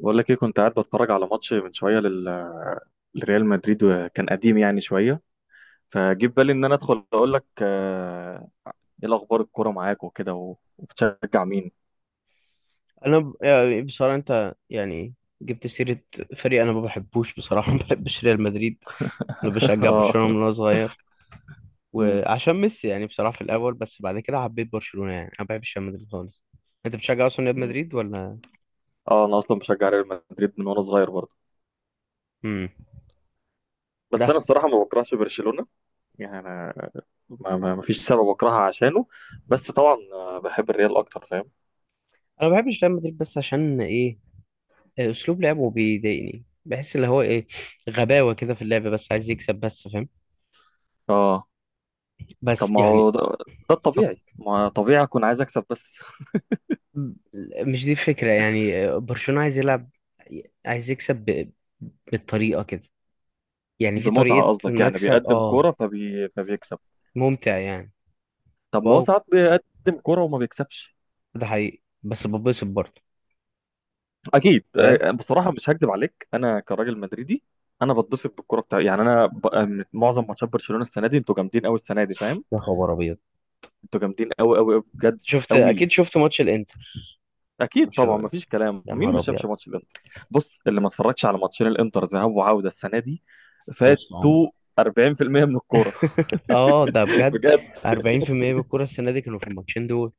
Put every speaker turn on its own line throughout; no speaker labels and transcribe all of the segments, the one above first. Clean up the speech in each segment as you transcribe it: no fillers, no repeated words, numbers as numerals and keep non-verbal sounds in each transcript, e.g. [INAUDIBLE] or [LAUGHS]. بقول لك ايه؟ كنت قاعد بتفرج على ماتش من شويه لريال مدريد، وكان قديم يعني شويه، فجيب بالي ان انا ادخل اقول لك ايه الاخبار؟ الكوره معاك وكده، وبتشجع مين؟
يعني بصراحه، انت يعني جبت سيره فريق انا ما بحبوش بصراحه. [LAUGHS] ما بحبش ريال مدريد. انا
[LAUGHS]
بشجع
اه.
برشلونه من وانا صغير،
م-
وعشان ميسي يعني، بصراحه في الاول، بس بعد كده حبيت برشلونه يعني. انا ما بحبش ريال مدريد خالص. انت بتشجع اصلا ريال
م.
مدريد ولا؟
اه، انا اصلا بشجع ريال مدريد من وانا صغير برضه،
امم.
بس
لا،
انا الصراحه ما بكرهش برشلونه. يعني انا ما فيش سبب اكرهها عشانه، بس طبعا بحب الريال اكتر، فاهم؟
انا ما بحبش ريال مدريد، بس عشان ايه، اسلوب لعبه بيضايقني، بحس اللي هو ايه، غباوه كده في اللعب، بس عايز يكسب بس، فاهم؟
اه. طب
بس
ما
يعني،
هو ده
ف-
الطبيعي، ما طبيعي اكون عايز اكسب بس؟ [LAUGHS]
مش دي الفكرة يعني. برشلونة عايز يلعب، عايز يكسب بالطريقة كده، يعني في
بمتعه
طريقة
قصدك؟ يعني
مكسب،
بيقدم
اه.
كوره فبيكسب.
ممتع يعني.
طب ما هو
واو،
ساعات بيقدم كوره وما بيكسبش.
ده حقيقي بس ببسط برضه.
اكيد
فاهم؟
بصراحه مش هكدب عليك، انا كراجل مدريدي انا بتبسط بالكوره بتاع، يعني انا من معظم ماتشات برشلونه السنه دي انتوا جامدين قوي. السنه دي، فاهم؟
يا خبر ابيض.
انتوا جامدين قوي قوي بجد،
شفت،
قوي.
اكيد شفت ماتش الانتر.
اكيد
برشلونة
طبعا، ما
والإنتر.
فيش كلام،
يا
مين
نهار
ما شافش
ابيض.
ماتش الانتر؟ بص، اللي ما اتفرجش على ماتشين الانتر ذهاب وعوده السنه دي
في نص
فاتوا
العمر.
40% من الكوره.
[LAUGHS] اه، ده
[LAUGHS]
بجد.
بجد.
40% من الكرة السنة دي كانوا في الماتشين دول.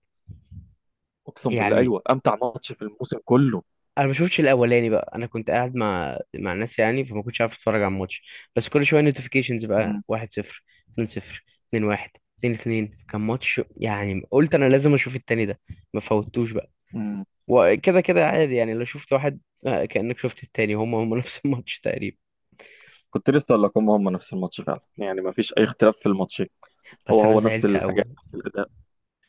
اقسم بالله،
يعني
ايوه، امتع ماتش في الموسم كله.
انا ما شفتش الاولاني بقى، انا كنت قاعد مع ناس يعني، فما كنتش عارف اتفرج على الماتش. بس كل شويه نوتيفيكيشنز بقى،
مم.
1 0، 2 0، 2 1، 2 2، كان ماتش يعني. قلت انا لازم اشوف التاني ده، ما فوتوش بقى.
مم.
وكده كده عادي يعني، لو شفت واحد كانك شفت التاني، هما هما، [LAUGHS] نفس الماتش تقريبا.
كنت لسه اقول لكم هم نفس الماتش فعلا، يعني ما فيش اي اختلاف في الماتش، هو
بس انا
هو نفس
زعلت قوي،
الحاجات نفس الاداء.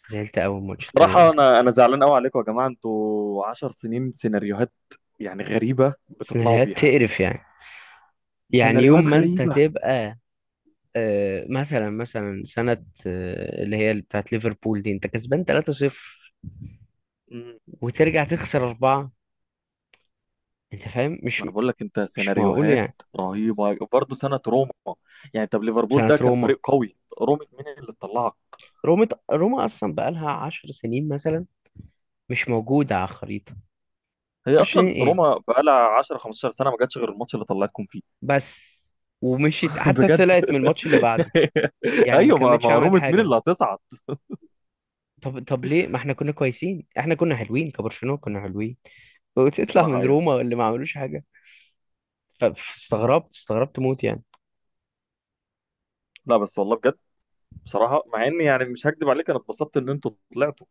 زعلت قوي الماتش التاني
الصراحه
ده.
انا زعلان قوي عليكم يا جماعه، انتوا 10 سنين سيناريوهات يعني غريبه بتطلعوا
سيناريوهات
بيها،
تقرف يعني. يعني
سيناريوهات
يوم ما انت
غريبه.
تبقى، مثلا سنة، اللي هي بتاعت ليفربول دي، انت كسبان 3-0
امم.
وترجع تخسر أربعة، أنت فاهم،
ما انا بقول لك انت،
مش معقول
سيناريوهات
يعني.
رهيبه برضه سنه روما. يعني طب ليفربول ده
كانت
كان
روما.
فريق قوي، روما مين اللي طلعك؟
روما أصلا بقالها 10 سنين مثلا، مش موجودة على الخريطة.
هي
10 سنين
اصلا
إيه
روما بقالها 10 15 سنه ما جاتش غير الماتش اللي طلعتكم فيه.
بس. ومشيت
[LAUGHS]
حتى
بجد.
طلعت من الماتش اللي
[LAUGHS]
بعده، يعني ما
ايوه، ما
كملتش
ما
عملت
روما
حاجة
مين اللي
مثلا.
هتصعد؟
طب ليه، ما احنا كنا كويسين، احنا كنا حلوين كبرشلونة، كنا حلوين، وتطلع
الصراحه
من
ايوه.
روما اللي ما عملوش حاجة. استغربت موت يعني.
لا بس والله بجد، بصراحه مع اني يعني مش هكدب عليك، انا اتبسطت ان انتوا طلعتوا.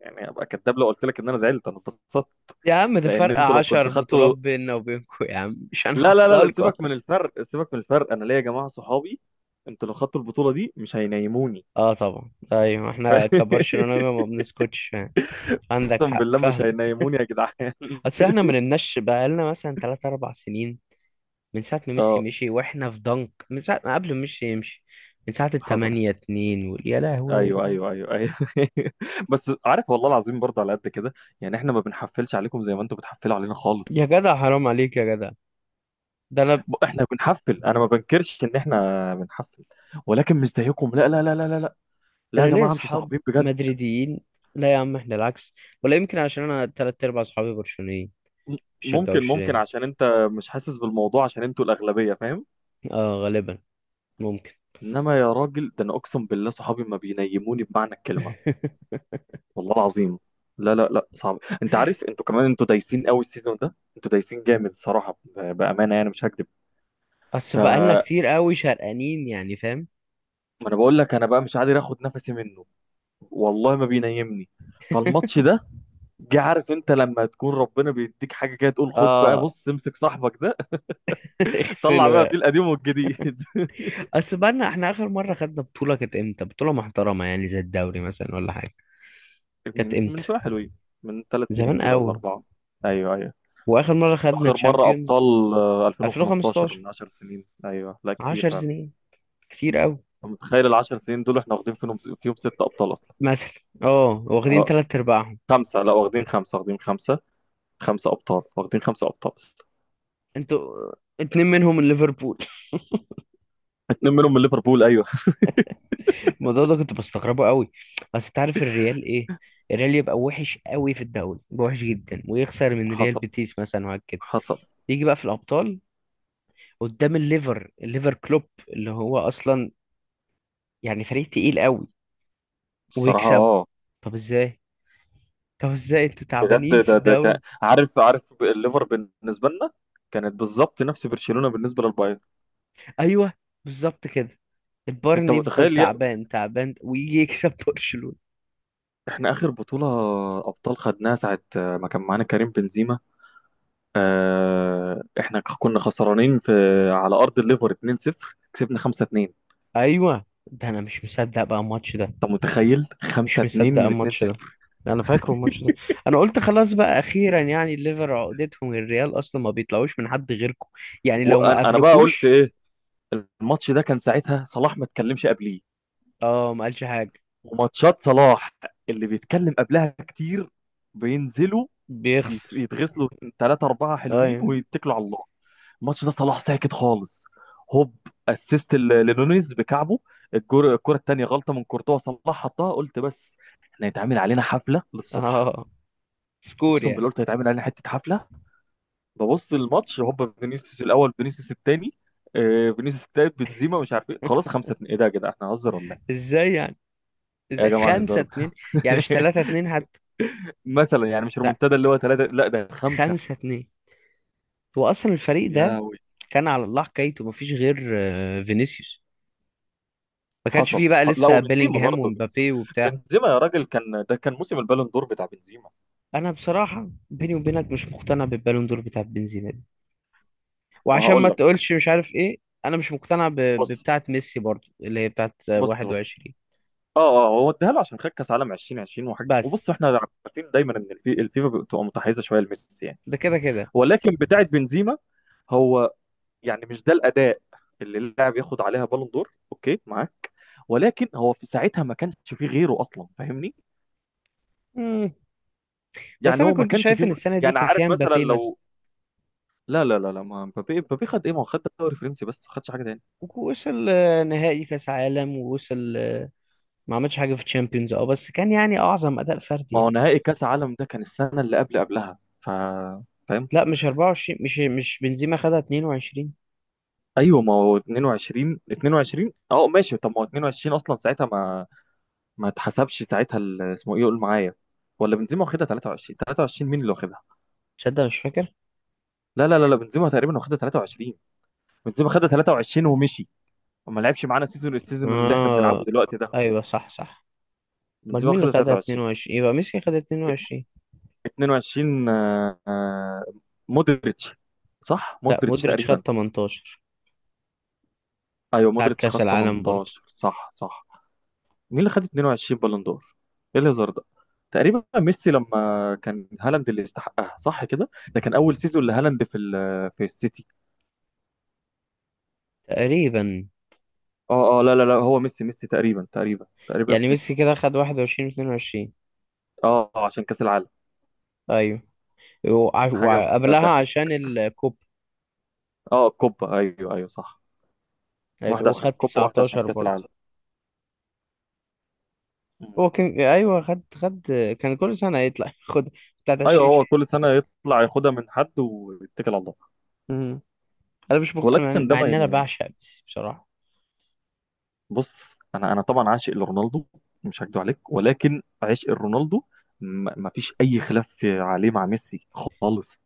يعني ابقى كداب لو قلت لك ان انا زعلت، انا اتبسطت.
يا عم، ده
لان
فرق
انتوا لو كنت
10 بطولات
خدتوا،
بيننا وبينكم، يا عم مش
لا،
هنحصلكوا.
سيبك من الفرق، سيبك من الفرق، انا ليا يا جماعه صحابي. انتوا لو خدتوا البطوله دي مش هينيموني.
اه طبعا، ايوه
[LAUGHS]
احنا
ف-
كبرشلونة ما بنسكتش يعني. عندك
اقسم
حق،
بالله مش
فاهمك.
هينيموني يا جدعان. [LAUGHS]
اصل احنا ما نمناش بقالنا مثلا 3 4 سنين، من ساعة ما ميسي
اه،
مشي، واحنا في ضنك من ساعة ما قبل ما ميسي يمشي، من ساعة
حصل،
التمانية اتنين، يا لهوي.
ايوه ايوه ايوه ايوه. [LAUGHS] بس عارف والله العظيم برضه على قد كده، يعني احنا ما بنحفلش عليكم زي ما انتوا بتحفلوا علينا خالص.
يا جدع، حرام عليك يا جدع. ده انا
احنا بنحفل، انا ما بنكرش ان احنا بنحفل، ولكن مش زيكم، لا لا لا لا لا لا.
ده
لا يا
انا ليا
جماعه انتوا
اصحاب
صعبين بجد.
مدريديين. لا يا عم، احنا العكس، ولا يمكن عشان انا تلات ارباع اصحابي برشلونيين،
م- ممكن،
مشجعوش
ممكن
ريال.
عشان انت مش حاسس بالموضوع، عشان انتوا الاغلبيه، فاهم؟
اه غالبا، ممكن.
انما يا راجل، ده انا اقسم بالله صحابي ما بينيموني بمعنى الكلمه،
[LAUGHS]
والله العظيم. لا لا لا، صعب. انت عارف انتوا كمان انتوا دايسين قوي السيزون ده، انتوا دايسين جامد صراحه، بامانه يعني مش هكذب.
اصل
ف
بقالنا
ما
كتير قوي شرقانين يعني، فاهم.
انا بقول لك، انا بقى مش قادر اخد نفسي منه، والله ما بينيمني. فالماتش
[LAUGHS]
ده جه، عارف انت لما تكون ربنا بيديك حاجه كده تقول خد بقى،
اه،
بص، امسك صاحبك ده. [LAUGHS] طلع
اغسله
بقى فيه
يعني.
القديم والجديد.
اصل بقالنا احنا، اخر مره خدنا بطوله كانت امتى، بطوله محترمه يعني، زي الدوري مثلا ولا حاجه؟ كانت
من من
امتى؟
شويه حلوين، من ثلاث
زمان
سنين كده ولا
قوي.
اربعه. ايوه ايوه.
واخر مره خدنا
اخر مره ابطال
تشامبيونز،
2015،
2015،
من 10 سنين، ايوه لا، كتير
10
فعلا.
سنين، كتير قوي.
أنت متخيل ال 10 سنين دول احنا واخدين فيهم فيهم ست ابطال اصلا؟
مثلا، اه، واخدين
اه،
تلات ارباعهم.
خمسه، لا واخدين خمسه، واخدين خمسه، خمسه ابطال، واخدين خمسه ابطال.
انتوا اتنين منهم من ليفربول.
اتنين منهم من ليفربول، ايوه.
[LAUGHS] الموضوع ده كنت بستغربه قوي. بس تعرف الريال ايه، الريال يبقى وحش قوي في الدوري، يبقى وحش جدا، ويخسر من ريال
حصل،
بيتيس مثلا وهكذا.
حصل.
يجي بقى في الابطال، قدام الليفر كلوب، اللي هو اصلا يعني فريق تقيل قوي،
الصراحه
ويكسبوا.
اه.
طب ازاي؟ طب ازاي انتوا تعبانين
بجد
في
ده كان،
الدوري؟
عارف الليفر بالنسبه لنا كانت بالظبط نفس برشلونه بالنسبه للبايرن.
ايوه بالظبط كده،
انت
البايرن يفضل
متخيل؟
تعبان تعبان، ويجي يكسب [LAUGHS] برشلونة.
احنا اخر بطولة ابطال خدناها ساعة ما كان معانا كريم بنزيما، اه احنا كنا خسرانين في، على ارض الليفر 2-0 كسبنا 5-2.
ايوه ده، انا مش مصدق بقى الماتش ده،
انت متخيل
مش
5-2
مصدق
من
الماتش ده،
2-0؟
انا فاكره الماتش ده. انا قلت خلاص بقى، اخيرا يعني، الليفر عقدتهم الريال اصلا، ما بيطلعوش من حد غيركم، يعني لو ما
وانا بقى قلت
قابلكوش.
ايه. الماتش ده كان ساعتها صلاح ما اتكلمش قبليه،
اه ما قالش حاجه.
وماتشات صلاح اللي بيتكلم قبلها كتير بينزلوا
بيخسر.
يتغسلوا، ثلاثة أربعة حلوين
ايوه.
ويتكلوا على الله. الماتش ده صلاح ساكت خالص، هوب، اسيست لنونيز بكعبه. الكرة التانية غلطة من كورتوا صلاح حطها، قلت بس، احنا هيتعمل علينا حفلة للصبح.
اه، سكور
اقسم
يعني.
بالله قلت هيتعمل علينا حتة حفلة. ببص للماتش، هوب، فينيسيوس الاول، فينيسيوس التاني، فينيسيوس التالت، بنزيما، مش عارف ايه، خلاص خمسة اتنين. ايه ده يا جدع؟ احنا هنهزر ولا ايه؟
ازاي يعني؟
إيه يا جماعة
خمسة
الهزار
اتنين
ده؟
يعني مش تلاتة
[LAUGHS]
اتنين حتى.
مثلا يعني مش
لا،
رومنتادا اللي هو ثلاثة، لا ده خمسة.
5-2. هو أصلا الفريق
يا
ده
وي.
كان على الله حكايته، مفيش غير فينيسيوس، ما كانش
حصل،
فيه بقى
لا
لسه
وبنزيما
بيلينجهام
برضه، بنزيما،
ومبابي وبتاع.
بنزيما يا راجل كان، ده كان موسم البالون دور بتاع بنزيما.
أنا بصراحة بيني وبينك، مش مقتنع بالبالون دور بتاع بنزيما دي،
ما
وعشان ما
هقول لك.
تقولش مش عارف إيه، أنا مش مقتنع
بص
ببتاعة ميسي برضو، اللي هي بتاعة
بص بص.
21
اه اه، هو اداها له عشان خد كاس عالم 2020 وحاجه،
بس.
وبص احنا عارفين دايما ان الفيفا بتبقى متحيزه شويه لميسي، يعني.
ده كده كده.
ولكن بتاعه بنزيما هو، يعني مش ده الاداء اللي اللاعب ياخد عليها بالون دور، اوكي معاك، ولكن هو في ساعتها ما كانش فيه غيره اصلا، فاهمني؟
مم. بس
يعني
أنا
هو ما
كنت
كانش
شايف
فيه
إن السنة دي
يعني
كان
عارف
فيها
مثلا
مبابي مثلا،
لو. لا لا لا لا، ما مبابي مبابي خد ايه؟ ما هو خد الدوري الفرنسي بس، ما خدش حاجه تاني.
وصل نهائي كأس عالم، ووصل، ما عملش حاجه في تشامبيونز، اه بس كان يعني اعظم اداء فردي
ما هو
يعني.
نهائي كاس عالم ده كان السنه اللي قبل قبلها، ف فاهم.
لا مش 24، مش بنزيما خدها 22.
ايوه ما هو 22، 22 اه ماشي. طب ما هو 22 اصلا ساعتها ما، اتحسبش ساعتها، اسمه ايه، قول معايا؟ ولا بنزيما واخدها 23؟ 23 مين اللي واخدها؟
تصدق مش فاكر.
لا لا لا لا، بنزيما تقريبا واخدها 23. بنزيما خدها 23 ومشي، وما لعبش معانا سيزون، السيزون اللي احنا بنلعبه
اه
دلوقتي ده.
ايوه، صح صح. امال
بنزيما
مين اللي
واخدها
خدها
23.
22؟ يبقى ميسي خدها
ات-
22.
22 مودريتش. صح
لا،
مودريتش
مودريتش خد
تقريبا.
18،
ايوه
بتاعت
مودريتش
كاس
خد
العالم برضه.
18، صح صح. مين اللي خد 22 بالون دور؟ ايه الهزار ده؟ تقريبا ميسي. لما كان هالاند اللي استحقها، صح كده؟ ده كان اول سيزون لهالاند في في السيتي.
تقريبا.
اه اه، لا لا لا، هو ميسي، ميسي تقريبا، تقريبا
يعني ميسي
ميسي.
كده خد 21، 22.
اه عشان كاس العالم.
ايوه،
حاجه بمنتهى
وقبلها
الضحك.
عشان الكوب.
اه، الكوبا، ايوه ايوه صح. واحده عشان
وخد
الكوبا، واحده عشان
19
كاس
برضه.
العالم. مم.
هو كان، ايوه، خد كان كل سنه يطلع، [LAUGHS] خد بتاعت
ايوه،
20.
هو كل سنه يطلع ياخدها من حد ويتكل على الله.
انا مش مق... مع
ولكن ده
مع
ما
ان انا بعشق ميسي بصراحه.
بص، انا انا طبعا عاشق لرونالدو، مش هكدب عليك، ولكن عشق رونالدو ما فيش اي خلاف عليه مع ميسي خالص.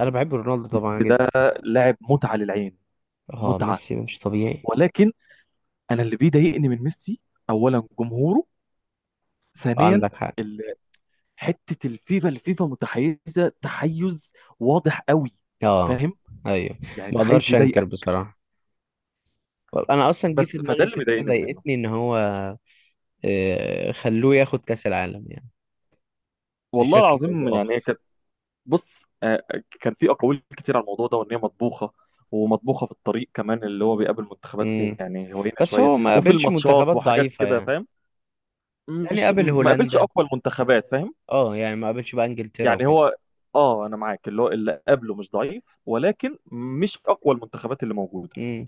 انا بحب رونالدو
ميسي
طبعا
ده
جدا.
لاعب متعه للعين،
اه
متعه،
ميسي ده مش طبيعي.
ولكن انا اللي بيضايقني من ميسي: اولا جمهوره،
اه
ثانيا
عندك حق.
ال- حته الفيفا، الفيفا متحيزه تحيز واضح قوي،
اه
فاهم؟
ايوه،
يعني
ما
تحيز
اقدرش انكر
يضايقك.
بصراحه. انا اصلا جه في
بس فده
دماغي
اللي
فكره
بيضايقني منه،
ضايقتني، ان هو خلوه ياخد كاس العالم يعني،
والله
بشكل او
العظيم،
باخر.
يعني. بص، كان في اقاويل كتير على الموضوع ده، وان هي مطبوخه ومطبوخه في الطريق كمان، اللي هو بيقابل منتخبات
امم.
يعني هوينه
بس
شويه،
هو ما
وفي
قابلش
الماتشات
منتخبات
وحاجات
ضعيفه
كده،
يعني،
فاهم؟
يعني
مش
قابل
ما قابلش
هولندا.
اقوى المنتخبات، فاهم؟
اه يعني ما قابلش بقى انجلترا
يعني
وكده.
هو، اه انا معاك، اللي هو اللي قابله مش ضعيف، ولكن مش اقوى المنتخبات اللي موجوده.
امم.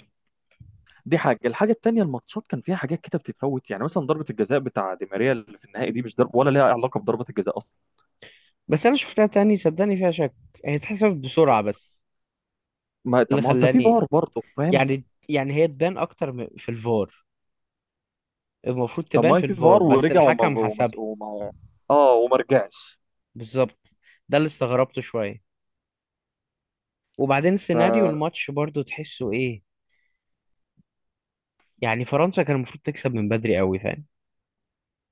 دي حاجه. الحاجه التانيه، الماتشات كان فيها حاجات كده بتتفوت، يعني مثلا ضربه الجزاء بتاع دي ماريا اللي في النهائي دي، مش ضرب ولا ليها علاقه بضربه الجزاء اصلا.
بس انا شفتها تاني صدقني، فيها شك. هي اتحسبت بسرعه، بس
ما طب
اللي
ما هو انت في
خلاني،
فار برضه، فاهم؟
يعني هي تبان اكتر في الفار، المفروض
طب
تبان
ما
في
في
الفار،
فار
بس
ورجع، وما
الحكم
وما
حسبها.
وما اه، وما رجعش.
بالظبط، ده اللي استغربته شويه. وبعدين سيناريو
فانا
الماتش برضو، تحسه ايه، يعني فرنسا كان المفروض تكسب من بدري قوي، فاهم.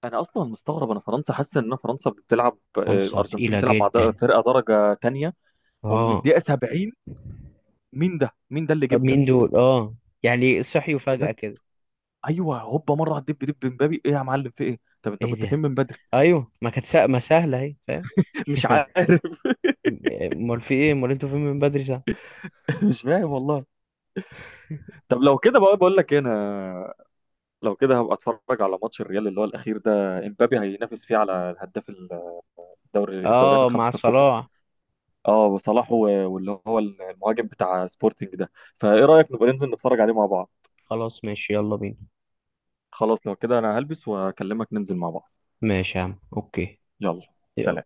اصلا مستغرب. انا فرنسا حاسس ان فرنسا بتلعب،
فرنسا
الارجنتين
تقيله
بتلعب مع
جدا.
فرقه درجه تانية. ومن
اه.
الدقيقه 70 مين ده؟ مين ده اللي جه
طب
بجد؟
مين دول؟ اه، يعني صحيوا فجأة
بجد،
كده؟
ايوه هوبا مره على الدب دب، مبابي ايه يا معلم، في ايه؟ طب انت كنت
ايه
فين
ده.
من بدري؟
ايوه، ما كانت ما سهله اهي، فاهم.
[LAUGHS] مش عارف.
[LAUGHS] امال في ايه، امال انتوا فين من بدري ساعه.
[LAUGHS] مش فاهم والله. طب لو كده بقى، بقول لك انا لو كده هبقى اتفرج على ماتش الريال اللي هو الاخير ده، امبابي هينافس فيه على الهداف الدوري، الدوريات
اه، مع
الخمسه الكبرى.
صلاح.
اه وصلاح، واللي هو المهاجم بتاع سبورتنج ده. فايه رايك نبقى ننزل نتفرج عليه مع بعض؟
خلاص ماشي، يلا بينا.
خلاص لو كده انا هلبس واكلمك ننزل مع بعض.
ماشي يا عم، اوكي.
يلا.
يلا.
سلام.